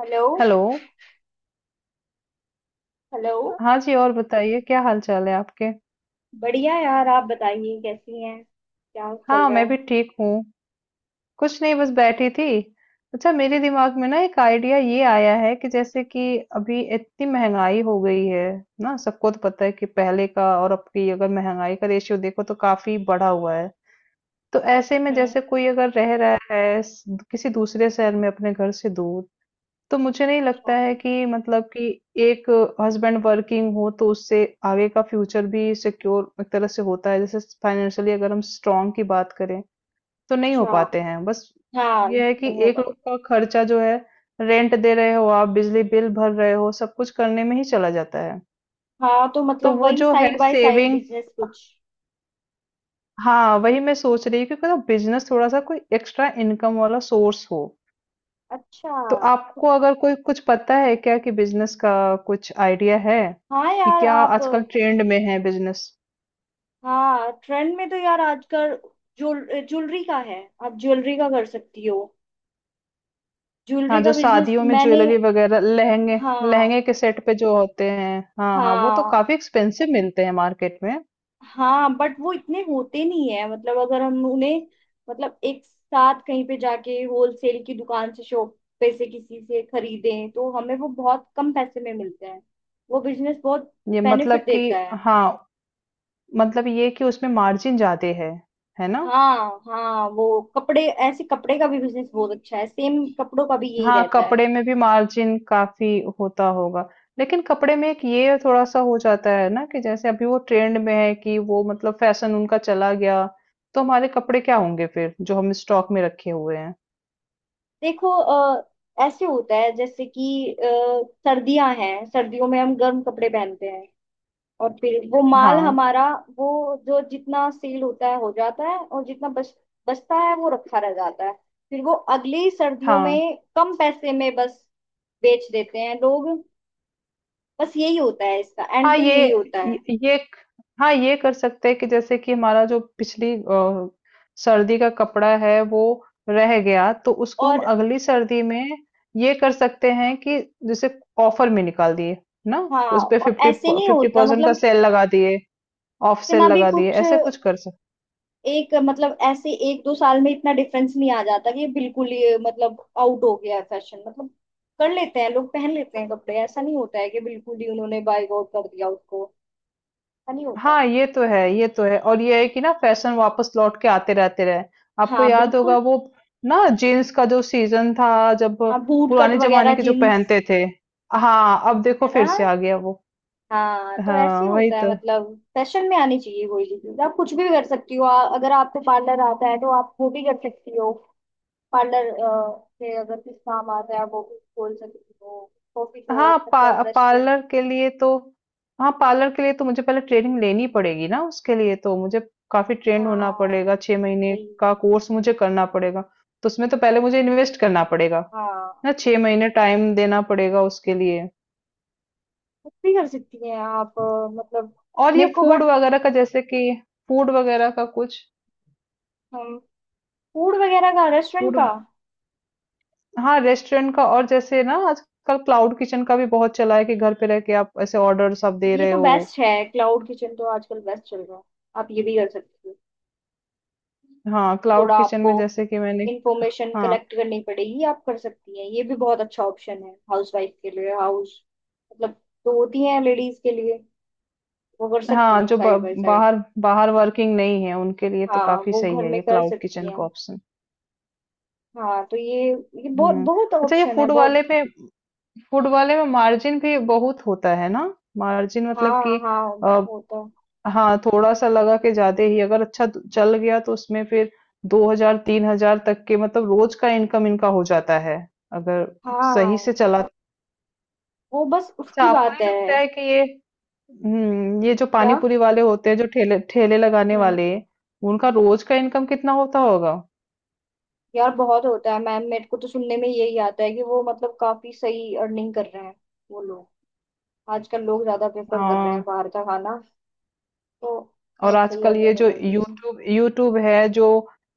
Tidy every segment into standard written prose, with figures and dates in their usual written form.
Hello. Hello. Hello. हाँ जी, और बताइए क्या हाल चाल है आपके? बढ़िया यार, आप बताइए कैसी हैं, क्या चल हाँ, रहा मैं भी है। ठीक हूँ। कुछ नहीं, बस बैठी थी। अच्छा, मेरे दिमाग में ना एक आइडिया ये आया है कि जैसे कि अभी इतनी महंगाई हो गई है ना। सबको तो पता है कि पहले का और अब की अगर महंगाई का रेशियो देखो तो काफी बढ़ा हुआ है। तो ऐसे में हम्म। जैसे कोई अगर रह रहा है किसी दूसरे शहर में अपने घर से दूर, तो मुझे नहीं अच्छा। लगता है कि मतलब कि एक हस्बैंड वर्किंग हो तो उससे आगे का फ्यूचर भी सिक्योर एक तरह से होता है। जैसे फाइनेंशियली अगर हम स्ट्रांग की बात करें तो नहीं हो अच्छा, पाते हैं बस। हाँ ये है कि नहीं है एक तो। लोग का खर्चा जो है, रेंट दे रहे हो आप, बिजली बिल भर रहे हो, सब कुछ करने में ही चला जाता है। हाँ तो तो मतलब वो वही जो है side by side saving, business कुछ। हाँ वही मैं सोच रही हूँ कि बिजनेस थोड़ा सा कोई एक्स्ट्रा इनकम वाला सोर्स हो। अच्छा। तो आपको अगर कोई कुछ पता है क्या, कि बिजनेस का कुछ आइडिया है हाँ कि यार क्या आप। आजकल ट्रेंड में है बिजनेस? हाँ, ट्रेंड में तो यार आजकल ज्वेलरी का है। आप ज्वेलरी का कर सकती हो। हाँ, ज्वेलरी का जो बिजनेस शादियों में मैंने। ज्वेलरी वगैरह लहंगे हाँ। लहंगे के सेट पे जो होते हैं, हाँ हाँ, वो तो हाँ। काफी एक्सपेंसिव मिलते हैं मार्केट में। हाँ बट वो इतने होते नहीं है, मतलब अगर हम उन्हें मतलब एक साथ कहीं पे जाके होलसेल की दुकान से शॉप पे से किसी से खरीदें तो हमें वो बहुत कम पैसे में मिलते हैं। वो बिजनेस बहुत ये बेनिफिट मतलब कि देता है। हाँ, मतलब ये कि उसमें मार्जिन ज्यादा है ना। हाँ। हाँ वो कपड़े, ऐसे कपड़े का भी बिजनेस बहुत अच्छा है, सेम कपड़ों का भी यही हाँ, रहता है। कपड़े में भी मार्जिन काफी होता होगा। लेकिन कपड़े में एक ये थोड़ा सा हो जाता है ना कि जैसे अभी वो ट्रेंड में है कि वो मतलब फैशन उनका चला गया, तो हमारे कपड़े क्या होंगे फिर जो हम स्टॉक में रखे हुए हैं। देखो, ऐसे होता है जैसे कि सर्दियां हैं, सर्दियों में हम गर्म कपड़े पहनते हैं और फिर वो माल हाँ हमारा वो जो जितना सेल होता है हो जाता है, और जितना बच बचता है वो रखा रह जाता है। फिर वो अगली सर्दियों हाँ में कम पैसे में बस बेच देते हैं लोग। बस यही होता है, इसका एंड हाँ। तो यही होता है। ये ये- हाँ, ये कर सकते हैं कि जैसे कि हमारा जो पिछली सर्दी का कपड़ा है वो रह गया, तो उसको हम और। अगली सर्दी में ये कर सकते हैं कि जैसे ऑफर में निकाल दिए ना, हाँ। उस पे और फिफ्टी ऐसे नहीं फिफ्टी होता परसेंट का मतलब। सेल लगा दिए, ऑफ सेल इतना भी लगा दिए, कुछ। ऐसे कुछ कर। एक मतलब ऐसे एक दो साल में इतना डिफरेंस नहीं आ जाता कि ये बिल्कुल ही मतलब आउट हो गया है फैशन मतलब। कर लेते हैं लोग, पहन लेते हैं कपड़े, ऐसा नहीं होता है कि बिल्कुल ही उन्होंने बायकॉट कर दिया उसको। ऐसा नहीं होगा। हाँ ये तो है, ये तो है, और ये है कि ना फैशन वापस लौट के आते रहते रहे। आपको हाँ याद बिल्कुल। होगा वो ना, जीन्स का जो सीजन था जब हाँ बूट कट पुराने वगैरह जमाने के जो जींस। पहनते थे, हाँ अब है देखो ना। फिर से आ गया वो। हाँ, तो ऐसे हाँ ही वही होता है, तो। मतलब फैशन में आनी चाहिए कोई भी चीज, आप कुछ भी कर सकती हो। अगर आपको पार्लर आता है तो आप वो भी कर सकती हो। पार्लर से अगर कुछ काम आता है आप वो भी खोल सकती हो। कॉफी शॉप मतलब रेस्टोरेंट। पार्लर के लिए तो हाँ, पार्लर के लिए तो मुझे पहले ट्रेनिंग लेनी पड़ेगी ना, उसके लिए तो मुझे काफी ट्रेन होना हाँ पड़ेगा, 6 महीने वही। का कोर्स मुझे करना पड़ेगा। तो उसमें तो पहले मुझे इन्वेस्ट करना पड़ेगा हाँ ना, 6 महीने टाइम देना पड़ेगा उसके लिए। कुछ भी कर सकती हैं आप, मतलब। और ये मेरे को फूड बट वगैरह का जैसे कि फूड वगैरह का कुछ, फूड वगैरह का रेस्टोरेंट फूड, का। हाँ रेस्टोरेंट का। और जैसे ना आजकल क्लाउड किचन का भी बहुत चला है कि घर पे रह के आप ऐसे ऑर्डर सब दे ये रहे तो हो। बेस्ट है, क्लाउड किचन तो आजकल बेस्ट चल रहा है। आप ये भी कर सकती हो। हाँ क्लाउड थोड़ा किचन आपको में जैसे कि मैंने, इंफॉर्मेशन हाँ कलेक्ट करनी पड़ेगी, आप कर सकती हैं। ये भी बहुत अच्छा ऑप्शन है हाउसवाइफ के लिए, हाउस मतलब तो होती हैं, लेडीज के लिए। वो कर सकती हाँ, हैं जो साइड बाय साइड। बाहर, बाहर वर्किंग नहीं है उनके लिए तो हाँ काफी वो सही घर है में ये कर क्लाउड सकती किचन हैं। का ऑप्शन। हाँ तो ये बहुत हम्म, बहुत अच्छा, ये ऑप्शन है, फूड वाले बहुत। में, फूड वाले में मार्जिन भी बहुत होता है ना। मार्जिन मतलब हाँ कि हाँ। होता। हाँ थोड़ा सा लगा कि ज्यादा ही अगर अच्छा तो चल गया तो उसमें फिर 2 हजार 3 हजार तक के मतलब रोज का इनकम इनका हो जाता है, अगर हाँ, सही से चला तो। वो बस अच्छा, उसकी आपको बात नहीं लगता है। है कि ये, हम्म, ये जो पानी क्या। पूरी वाले होते हैं जो ठेले ठेले लगाने हम्म। वाले, उनका रोज का इनकम कितना होता होगा? यार बहुत होता है मैम, मेरे को तो सुनने में यही आता है कि वो मतलब काफी सही अर्निंग कर रहे हैं वो लोग। आजकल लोग ज्यादा प्रेफर कर रहे हैं हाँ। बाहर का खाना, तो और बहुत सही आजकल ये अर्निंग हो जो जाती है। यूट्यूब यूट्यूब है जो,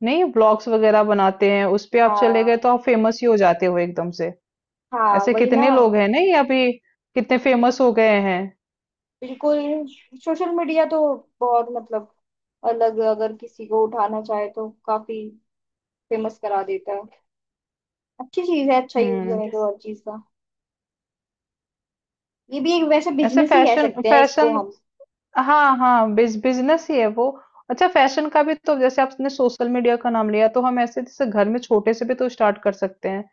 नहीं, ब्लॉग्स वगैरह बनाते हैं, उस पे आप चले गए हाँ। तो आप फेमस ही हो जाते हो एकदम से। हाँ ऐसे वही ना। कितने लोग हैं नहीं, अभी कितने फेमस हो गए हैं। बिल्कुल। सोशल मीडिया तो बहुत मतलब अलग, अगर किसी को उठाना चाहे तो काफी फेमस करा देता है। अच्छी चीज है, अच्छा यूज हम्म, करें तो हर चीज का। ये भी एक वैसे ऐसे बिजनेस ही कह फैशन सकते हैं इसको फैशन हम। हाँ हाँ, बिजनेस ही है वो। अच्छा, फैशन का भी तो जैसे आपने सोशल मीडिया का नाम लिया, तो हम ऐसे जैसे घर में छोटे से भी तो स्टार्ट कर सकते हैं,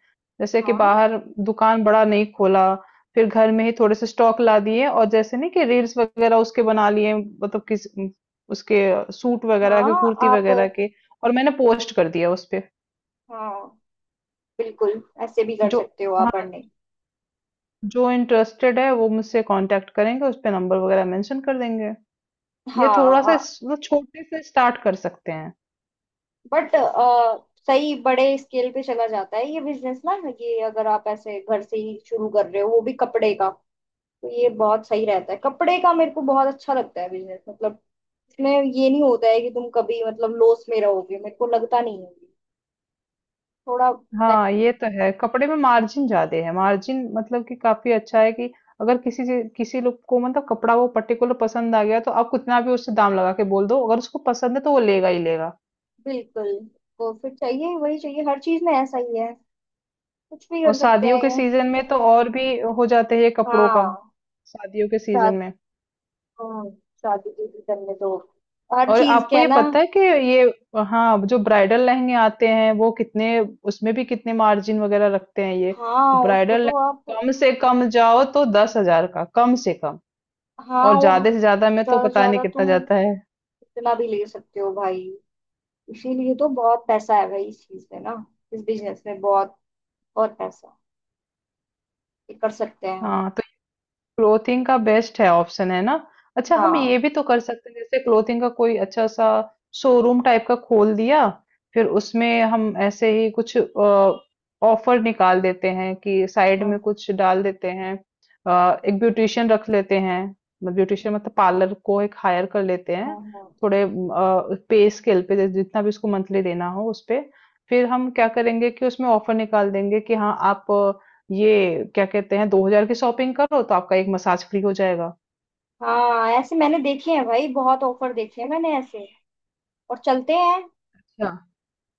जैसे कि हाँ। बाहर दुकान बड़ा नहीं खोला, फिर घर में ही थोड़े से स्टॉक ला दिए और जैसे नहीं कि रील्स वगैरह उसके बना लिए, मतलब किस उसके, सूट वगैरह के, हाँ कुर्ती आप। वगैरह के, और मैंने पोस्ट कर दिया उस पे। हाँ बिल्कुल, ऐसे भी कर जो सकते हो हाँ, आप अर्निंग। जो इंटरेस्टेड है वो मुझसे कांटेक्ट करेंगे, उस पे नंबर वगैरह मेंशन कर देंगे। ये थोड़ा सा हाँ मतलब छोटे से स्टार्ट कर सकते हैं। बट सही बड़े स्केल पे चला जाता है ये बिजनेस ना, ये अगर आप ऐसे घर से ही शुरू कर रहे हो, वो भी कपड़े का, तो ये बहुत सही रहता है। कपड़े का मेरे को बहुत अच्छा लगता है बिजनेस मतलब। इसमें ये नहीं होता है कि तुम कभी मतलब लॉस में रहोगे, मेरे को लगता नहीं है। थोड़ा हाँ benefit- ये तो है, कपड़े में मार्जिन ज्यादा है, मार्जिन मतलब कि काफी अच्छा है कि अगर किसी से किसी लोग को मतलब कपड़ा वो पर्टिकुलर पसंद आ गया तो आप कितना भी उससे दाम लगा के बोल दो, अगर उसको पसंद है तो वो लेगा ही लेगा। बिल्कुल। प्रॉफिट चाहिए, वही चाहिए, हर चीज में ऐसा ही है। कुछ भी और कर सकते शादियों हैं के ये। सीजन में तो और भी हो जाते हैं ये कपड़ों का, हाँ। शादियों के सीजन में। हाँ शादी की करने दो, हर और चीज आपको ये कहना। पता है कि ये, हाँ जो ब्राइडल लहंगे आते हैं वो कितने, उसमें भी कितने मार्जिन वगैरह रखते हैं ये? हाँ उसको ब्राइडल तो आप। लहंगा कम से कम जाओ तो 10 हजार का कम से कम, हाँ और और। ज्यादा से ज्यादा में तो ज्यादा से पता नहीं ज्यादा कितना तुम जाता है। इतना भी ले सकते हो भाई, इसीलिए तो बहुत पैसा है भाई इस चीज में ना, इस बिजनेस में बहुत बहुत पैसा है। ये कर सकते हैं हम। हाँ तो क्लोथिंग का बेस्ट है ऑप्शन, है ना। अच्छा, हम ये हाँ। भी तो कर सकते हैं जैसे क्लोथिंग का कोई अच्छा सा शोरूम टाइप का खोल दिया, फिर उसमें हम ऐसे ही कुछ ऑफर निकाल देते हैं कि साइड हम्म। में कुछ डाल देते हैं, एक ब्यूटिशियन रख लेते हैं, मतलब ब्यूटिशियन मतलब पार्लर को एक हायर कर लेते हैं, हम्म। थोड़े पे स्केल पे जैसे जितना भी उसको मंथली देना हो उस पे। फिर हम क्या करेंगे कि उसमें ऑफर निकाल देंगे कि हाँ आप ये क्या कहते हैं, 2 हजार की शॉपिंग करो तो आपका एक मसाज फ्री हो जाएगा। हाँ ऐसे मैंने देखे हैं भाई, बहुत ऑफर देखे हैं मैंने ऐसे और चलते हैं। अच्छा,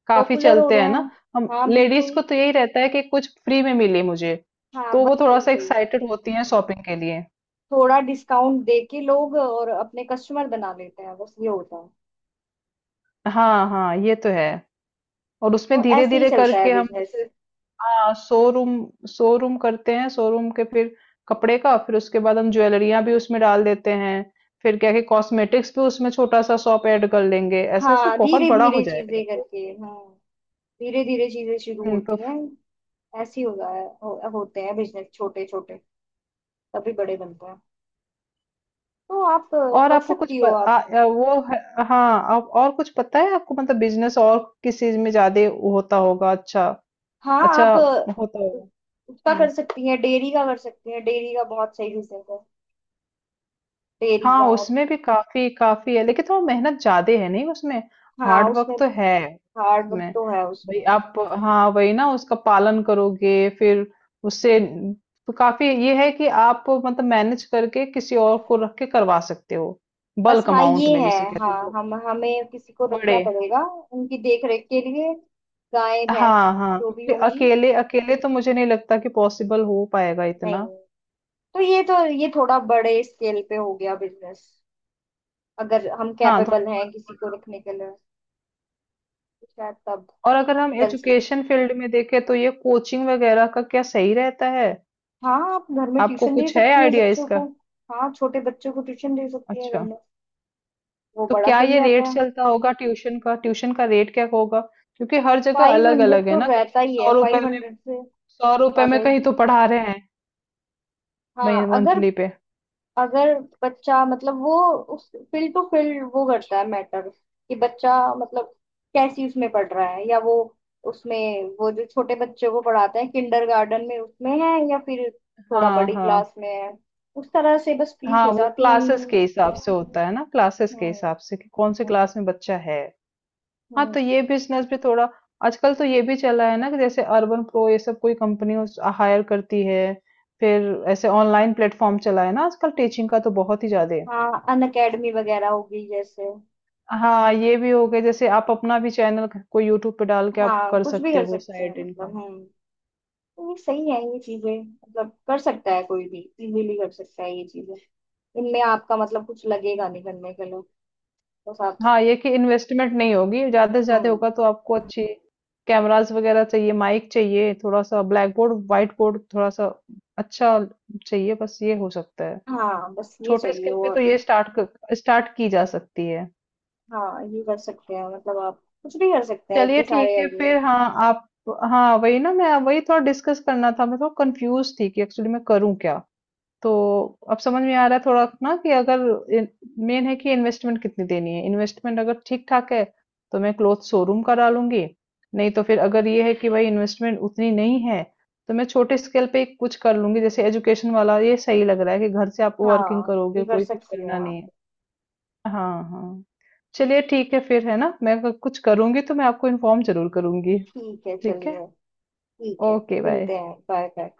काफी पॉपुलर हो चलते रहे हैं ना। हैं। हम हाँ लेडीज बिल्कुल। को तो यही रहता है कि कुछ फ्री में मिले मुझे, हाँ तो वो वही थोड़ा वही सा वही। एक्साइटेड होती हैं शॉपिंग के लिए। थोड़ा डिस्काउंट दे के लोग और अपने कस्टमर बना लेते हैं, बस ये होता है। हाँ हाँ, ये तो है। और तो उसमें धीरे ऐसे ही धीरे चलता है करके हम बिजनेस। जैसे, हाँ शोरूम शोरूम करते हैं, शोरूम के फिर कपड़े का, फिर उसके बाद हम ज्वेलरियां भी उसमें डाल देते हैं, फिर क्या है, कॉस्मेटिक्स भी उसमें छोटा सा शॉप ऐड कर लेंगे, ऐसे ऐसे हाँ, बहुत धीरे बड़ा हो धीरे चीजें जाएगा। करके। हम्म। धीरे धीरे चीजें शुरू तो होती हैं। ऐसे ही होता है, होते हैं बिजनेस छोटे छोटे, तभी बड़े बनते हैं। तो आप और कर आपको कुछ सकती प, हो आ, आप। आ, वो है, हाँ आप, और कुछ पता है आपको मतलब बिजनेस और किस चीज में ज्यादा होता होगा? अच्छा, हाँ अच्छा आप होता होगा। उसका कर हम्म, सकती हैं। डेयरी का कर सकती हैं, डेयरी का बहुत सही बिजनेस है। डेयरी हाँ का उसमें भी काफी काफी है, लेकिन थोड़ा मेहनत ज्यादा है नहीं उसमें, हाँ। हार्ड उसमें वर्क तो है हार्ड वर्क उसमें। तो है भाई उसमें। आप, हाँ वही ना, उसका पालन करोगे फिर उससे तो काफी ये है कि आप मतलब मैनेज करके किसी और को रख के करवा सकते हो, बस बल्क हाँ ये अमाउंट में है। जिसे कहते हैं हाँ वो, हम हमें किसी को बड़े। रखना पड़ेगा उनकी देख रेख के लिए, गाय भैंस हाँ हाँ, जो भी क्योंकि होंगी। अकेले अकेले तो मुझे नहीं लगता कि पॉसिबल हो पाएगा इतना। नहीं, तो ये थोड़ा बड़े स्केल पे हो गया बिजनेस। अगर हम हाँ तो, कैपेबल हैं किसी को रखने के लिए तो शायद तब और अगर हम चल सके। एजुकेशन फील्ड में देखें तो ये कोचिंग वगैरह का क्या सही रहता है, हाँ आप घर में आपको ट्यूशन दे कुछ है सकती हैं आइडिया बच्चों को। इसका? हाँ छोटे बच्चों को ट्यूशन दे सकती हैं घर अच्छा, में, वो तो बड़ा क्या सही ये रहता रेट है। चलता होगा ट्यूशन का, ट्यूशन का रेट क्या होगा? क्योंकि हर जगह फाइव अलग हंड्रेड अलग है तो ना, कहीं रहता तो ही है, 100 रुपए फाइव में, हंड्रेड से 100 रुपए ज्यादा में है। कहीं तो पढ़ा रहे हैं, मही हाँ अगर, मंथली पे। अगर बच्चा मतलब वो, उस फील्ड टू फील्ड वो करता है मैटर, कि बच्चा मतलब कैसी उसमें पढ़ रहा है या वो उसमें, वो जो छोटे बच्चों को पढ़ाते हैं किंडरगार्टन में उसमें है या फिर थोड़ा हाँ बड़ी हाँ क्लास में है, उस तरह से बस फीस हाँ, हो वो जाती है क्लासेस उनकी। के हिसाब से होता है ना, क्लासेस के हम्म। हिसाब से कि कौन से क्लास में बच्चा है। हाँ हम्म। तो ये बिजनेस भी थोड़ा, आजकल तो ये भी चला है ना कि जैसे अर्बन प्रो ये सब कोई कंपनी हायर करती है, फिर ऐसे ऑनलाइन प्लेटफॉर्म चला है ना आजकल टीचिंग का तो, बहुत ही ज्यादा। हाँ अनअकैडमी वगैरह होगी जैसे। हाँ ये भी हो गया, जैसे आप अपना भी चैनल कोई यूट्यूब पे डाल के आप हाँ कर कुछ भी सकते कर हो सकते हैं साइड मतलब। इनकम। हम्म। ये सही है, ये चीजें मतलब कर सकता है कोई भी, इजीली कर सकता है ये चीजें। इनमें आपका मतलब कुछ लगेगा नहीं करने के लिए, बस आप। हाँ ये कि इन्वेस्टमेंट नहीं होगी, ज्यादा से ज्यादा हम्म। होगा तो आपको अच्छी कैमराज वगैरह चाहिए, माइक चाहिए, थोड़ा सा ब्लैक बोर्ड व्हाइट बोर्ड थोड़ा सा, अच्छा चाहिए, बस ये हो सकता है। हाँ बस ये छोटे चाहिए स्केल पे तो और। ये स्टार्ट स्टार्ट की जा सकती है। हाँ ये कर सकते हैं, मतलब आप कुछ भी कर सकते हैं, चलिए इतने सारे ठीक है आइडिया। फिर, हाँ आप, हाँ वही ना, मैं वही थोड़ा डिस्कस करना था, मैं थोड़ा कंफ्यूज थी कि एक्चुअली मैं करूँ क्या। तो अब समझ में आ रहा है थोड़ा ना कि अगर मेन है कि इन्वेस्टमेंट कितनी देनी है, इन्वेस्टमेंट अगर ठीक ठाक है तो मैं क्लोथ शोरूम करा लूंगी, नहीं तो फिर अगर ये है कि भाई इन्वेस्टमेंट उतनी नहीं है, तो मैं छोटे स्केल पे कुछ कर लूंगी, जैसे एजुकेशन वाला ये सही लग रहा है कि घर से आप वर्किंग हाँ ये करोगे, कर कोई कुछ सकती करना हैं नहीं आप। है। हाँ, हाँ। चलिए ठीक है फिर, है ना? मैं अगर कुछ करूँगी तो मैं आपको इन्फ़ॉर्म ज़रूर करूँगी। ठीक है ठीक है? चलिए। ठीक है, ओके, बाय। मिलते हैं, बाय बाय।